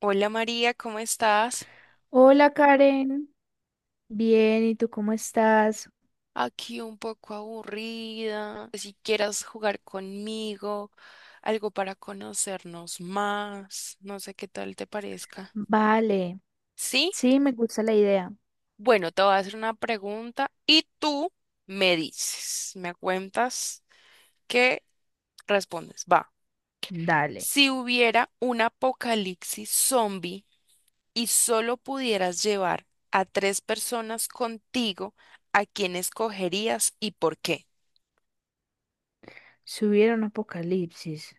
Hola María, ¿cómo estás? Hola Karen, bien, ¿y tú cómo estás? Aquí un poco aburrida. Si quieras jugar conmigo, algo para conocernos más, no sé qué tal te parezca. Vale, ¿Sí? sí, me gusta la idea. Bueno, te voy a hacer una pregunta y tú me dices, me cuentas qué respondes. Va. Dale, Si hubiera un apocalipsis zombie y solo pudieras llevar a tres personas contigo, ¿a quién escogerías y por qué? si hubiera un apocalipsis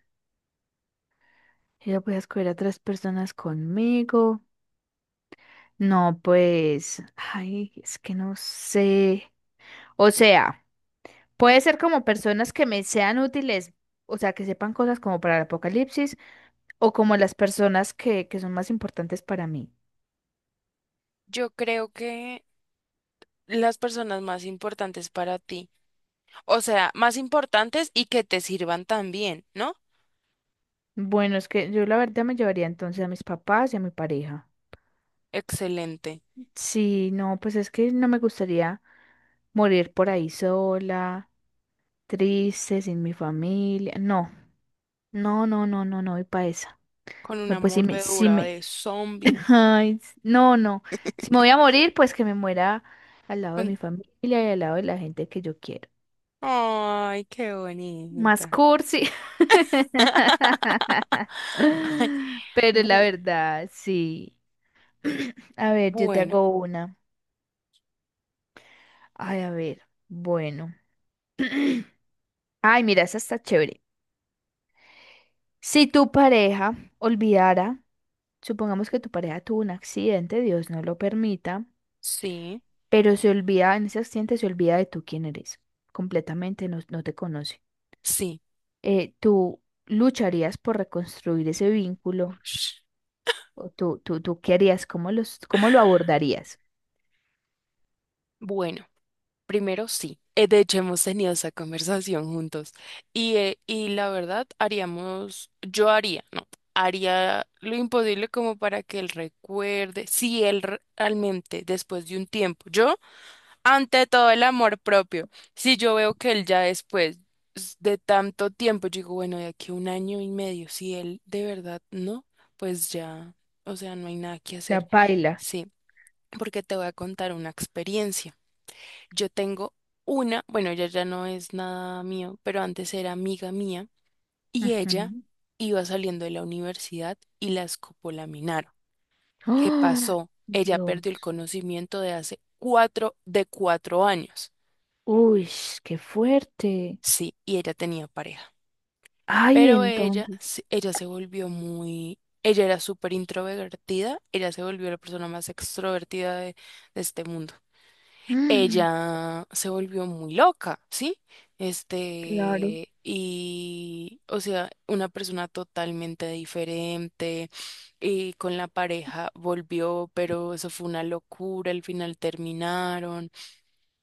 y yo voy a escoger a tres personas conmigo. No, pues, ay, es que no sé. O sea, puede ser como personas que me sean útiles, o sea, que sepan cosas como para el apocalipsis o como las personas que son más importantes para mí. Yo creo que las personas más importantes para ti, o sea, más importantes y que te sirvan también, ¿no? Bueno, es que yo la verdad me llevaría entonces a mis papás y a mi pareja. Excelente. Sí, no, pues es que no me gustaría morir por ahí sola, triste, sin mi familia. No, no, no, no, no, no, y para esa. Con No, una pues si me, si mordedura me, de zombie. ay, no, no. Si me voy a morir, pues que me muera al lado de con- mi familia y al lado de la gente que yo quiero. Ay, qué Más bonita. cursi. Pero la Bu- verdad, sí. A ver, yo te bueno, hago una. Ay, a ver, bueno. Ay, mira, esa está chévere. Si tu pareja olvidara, supongamos que tu pareja tuvo un accidente, Dios no lo permita, sí, pero se olvida, en ese accidente se olvida de tú quién eres, completamente no, no te conoce. sí. ¿Tú lucharías por reconstruir ese vínculo? Ush. ¿O tú qué harías? Cómo lo abordarías? Bueno. Primero, sí. De hecho, hemos tenido esa conversación juntos. Y la verdad, haríamos, yo haría, no, haría lo imposible como para que él recuerde, si él realmente, después de un tiempo, yo, ante todo el amor propio, si yo veo que él ya después de tanto tiempo, yo digo, bueno, de aquí a un año y medio, si él de verdad no, pues ya, o sea, no hay nada que La hacer. paila. Sí, porque te voy a contar una experiencia. Yo tengo una, bueno, ella ya no es nada mío, pero antes era amiga mía y ella Ujú. iba saliendo de la universidad y la escopolaminaron. ¿Qué ¡Ah! pasó? Ella perdió el Dios. conocimiento de hace cuatro, de 4 años. Uy, qué fuerte. Sí, y ella tenía pareja. Ay, Pero ella, entonces. Ella se volvió muy, ella era súper introvertida, ella se volvió la persona más extrovertida de este mundo. Mm, Ella se volvió muy loca, ¿sí? claro. Este, y, o sea, una persona totalmente diferente, y con la pareja volvió, pero eso fue una locura, al final terminaron,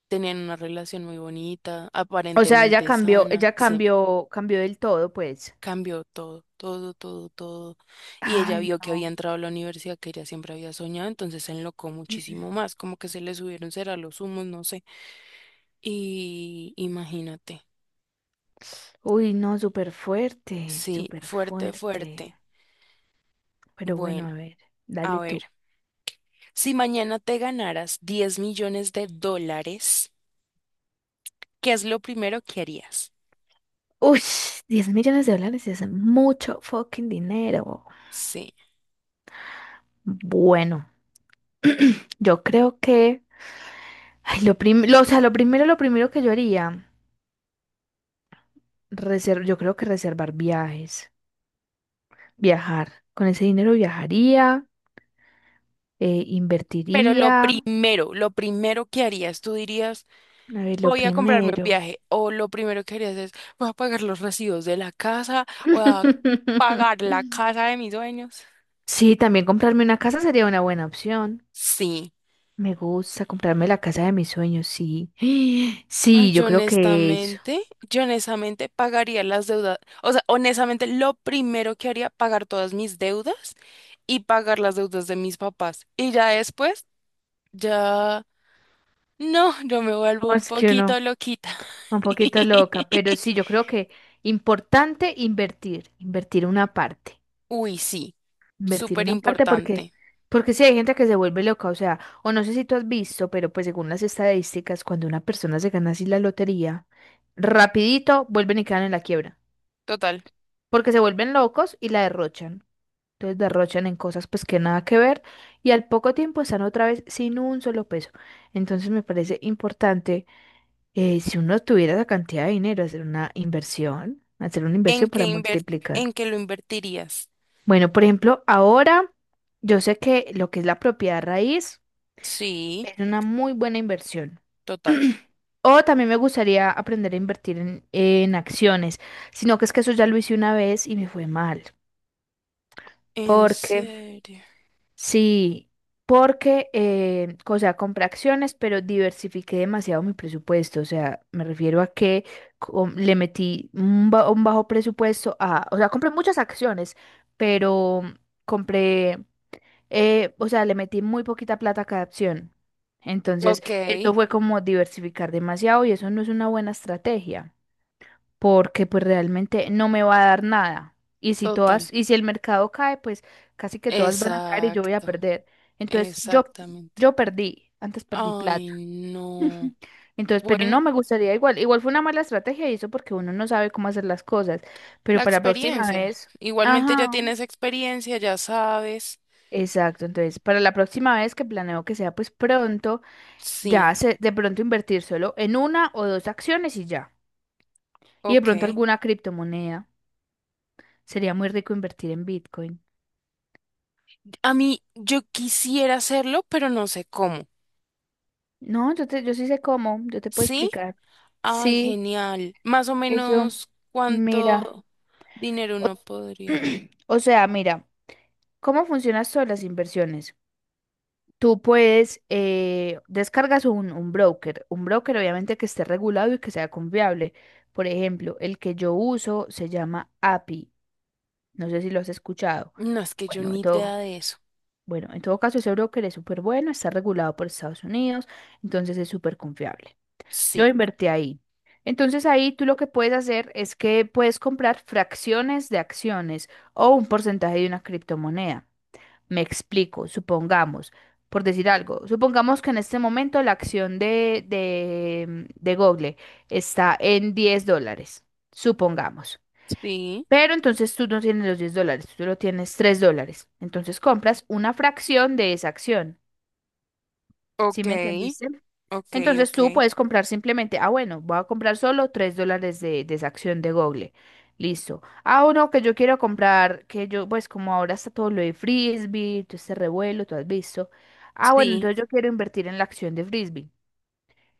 tenían una relación muy bonita, O sea, aparentemente sana, ella sí, cambió, cambió del todo, pues. cambió todo, todo, todo, todo. Y ella Ay, vio que había no. entrado a la universidad que ella siempre había soñado, entonces se enlocó muchísimo más, como que se le subieron será los humos, no sé. Y imagínate, Uy, no, súper fuerte, sí, súper fuerte, fuerte. fuerte. Pero bueno, a Bueno, ver, a dale ver, tú. si mañana te ganaras $10 millones, ¿qué es lo primero que harías? Uy, 10 millones de dólares es mucho fucking dinero. Sí, Bueno, yo creo que, ay, o sea, lo primero que yo haría, yo creo que reservar viajes, viajar. Con ese dinero viajaría, pero invertiría. Lo primero que harías, tú dirías, A ver, lo voy a comprarme un primero. viaje, o lo primero que harías es, voy a pagar los recibos de la casa, voy a pagar la casa de mis dueños. Sí, también comprarme una casa sería una buena opción. Sí. Me gusta comprarme la casa de mis sueños, sí. Ay, Sí, yo creo que eso. Yo honestamente pagaría las deudas, o sea, honestamente lo primero que haría, pagar todas mis deudas y pagar las deudas de mis papás. Y ya después, ya, no, yo me vuelvo No, un es que no, poquito loquita. un poquito loca, pero sí, yo creo que importante invertir, invertir una parte, Uy, sí, invertir súper una parte porque, importante. porque sí hay gente que se vuelve loca, o sea, o no sé si tú has visto, pero pues según las estadísticas, cuando una persona se gana así la lotería, rapidito vuelven y quedan en la quiebra, Total. porque se vuelven locos y la derrochan. Entonces derrochan en cosas pues que nada que ver y al poco tiempo están otra vez sin un solo peso. Entonces me parece importante si uno tuviera esa cantidad de dinero hacer una inversión, hacer una ¿En inversión qué para multiplicar. en qué lo invertirías? Bueno, por ejemplo, ahora yo sé que lo que es la propiedad raíz Sí, es una muy buena inversión. total. O también me gustaría aprender a invertir en acciones, sino que es que eso ya lo hice una vez y me fue mal, ¿En porque, serio? sí, porque, o sea, compré acciones, pero diversifiqué demasiado mi presupuesto. O sea, me refiero a que le metí un bajo presupuesto a, o sea, compré muchas acciones, pero compré, o sea, le metí muy poquita plata a cada acción. Entonces, Ok, esto fue como diversificar demasiado y eso no es una buena estrategia porque pues realmente no me va a dar nada. Total. Y si el mercado cae, pues casi que todas van a caer y yo voy a Exacto, perder. Entonces, yo, exactamente. yo perdí, antes perdí Ay, plata. no. Entonces, pero Bueno, no me gustaría igual. Igual fue una mala estrategia y eso porque uno no sabe cómo hacer las cosas. Pero la para la próxima experiencia. vez, Igualmente ya ajá. tienes experiencia, ya sabes. Exacto, entonces para la próxima vez que planeo que sea pues pronto, Sí, ya se, de pronto invertir solo en una o dos acciones y ya. Y de pronto ok. alguna criptomoneda. Sería muy rico invertir en Bitcoin. A mí, yo quisiera hacerlo, pero no sé cómo. No, yo sí sé cómo, yo te puedo ¿Sí? explicar. Ay, Sí, genial. Más o eso, menos, mira. ¿cuánto dinero O, uno podría? o sea, mira, ¿cómo funcionan todas las inversiones? Tú puedes, descargas un broker obviamente que esté regulado y que sea confiable. Por ejemplo, el que yo uso se llama API. No sé si lo has escuchado. No, es que yo Bueno, ni en todo, idea de eso. bueno, en todo caso, ese broker es súper bueno, está regulado por Estados Unidos, entonces es súper confiable. Yo Sí. invertí ahí. Entonces ahí tú lo que puedes hacer es que puedes comprar fracciones de acciones o un porcentaje de una criptomoneda. Me explico, supongamos, por decir algo, supongamos que en este momento la acción de Google está en 10 dólares, supongamos. Sí. Pero entonces tú no tienes los 10 dólares, tú solo tienes 3 dólares. Entonces compras una fracción de esa acción. ¿Sí Ok, me entendiste? ok, Entonces ok. tú puedes comprar simplemente, bueno, voy a comprar solo 3 dólares de esa acción de Google. Listo. Ah, uno que yo quiero comprar, que yo, pues como ahora está todo lo de Frisbee, todo este revuelo, tú has visto. Ah, bueno, Sí. entonces yo quiero invertir en la acción de Frisbee.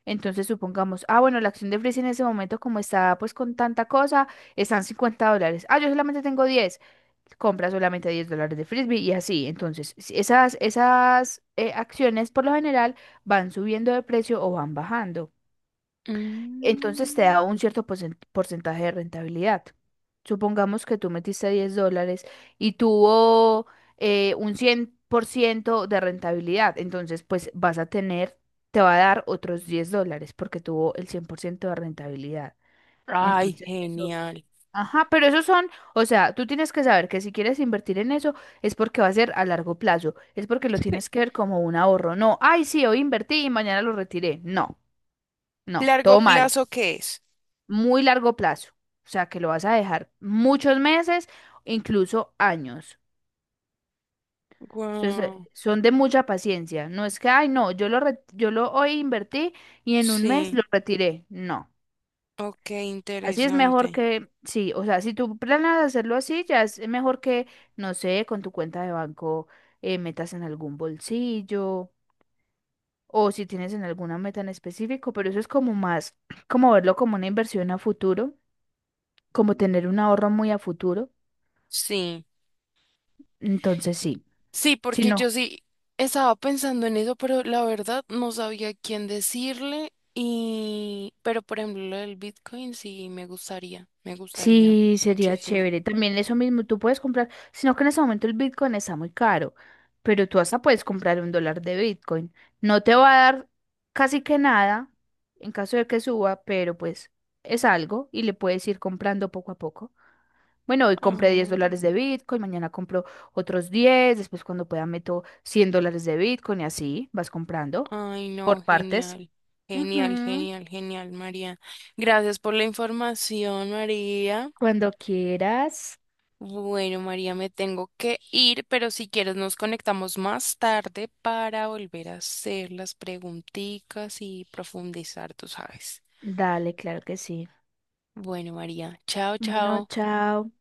Entonces supongamos, ah, bueno, la acción de Frisbee en ese momento, como está pues con tanta cosa, están 50 dólares. Ah, yo solamente tengo diez. Compra solamente 10 dólares de Frisbee y así. Entonces, si esas acciones por lo general van subiendo de precio o van bajando. Entonces te Mm. da un cierto porcentaje de rentabilidad. Supongamos que tú metiste 10 dólares y tuvo un 100% de rentabilidad. Entonces, pues vas a tener, te va a dar otros 10 dólares porque tuvo el 100% de rentabilidad. Ay, Entonces, eso, genial. ajá, pero esos son, o sea, tú tienes que saber que si quieres invertir en eso es porque va a ser a largo plazo, es porque lo Sí. tienes que ver como un ahorro. No, ay, sí, hoy invertí y mañana lo retiré. No, no, ¿Largo todo mal plazo qué es? muy largo plazo, o sea, que lo vas a dejar muchos meses, incluso años. Entonces, Wow, son de mucha paciencia. No es que, ay, no, yo lo hoy invertí y en un mes sí, lo retiré. No. ok, Así es mejor interesante. que, sí, o sea, si tú planeas hacerlo así, ya es mejor que, no sé, con tu cuenta de banco metas en algún bolsillo o si tienes en alguna meta en específico, pero eso es como más, como verlo como una inversión a futuro, como tener un ahorro muy a futuro. Sí, Entonces sí, sí, si porque no, yo sí estaba pensando en eso, pero la verdad no sabía quién decirle y, pero por ejemplo, lo del Bitcoin sí me gustaría sí sería muchísimo. chévere. También eso mismo, tú puedes comprar, sino que en ese momento el Bitcoin está muy caro, pero tú hasta puedes comprar 1 dólar de Bitcoin. No te va a dar casi que nada en caso de que suba, pero pues es algo y le puedes ir comprando poco a poco. Bueno, hoy compré 10 Ah, dólares de Bitcoin, mañana compro otros 10 después cuando pueda meto 100 dólares de Bitcoin y así vas comprando ay, por no, partes. genial, genial, Ujú, genial, genial, María. Gracias por la información, María. cuando quieras. Bueno, María, me tengo que ir, pero si quieres nos conectamos más tarde para volver a hacer las preguntitas y profundizar, tú sabes. Dale, claro que sí. Bueno, María, chao, Bueno, chao. chao.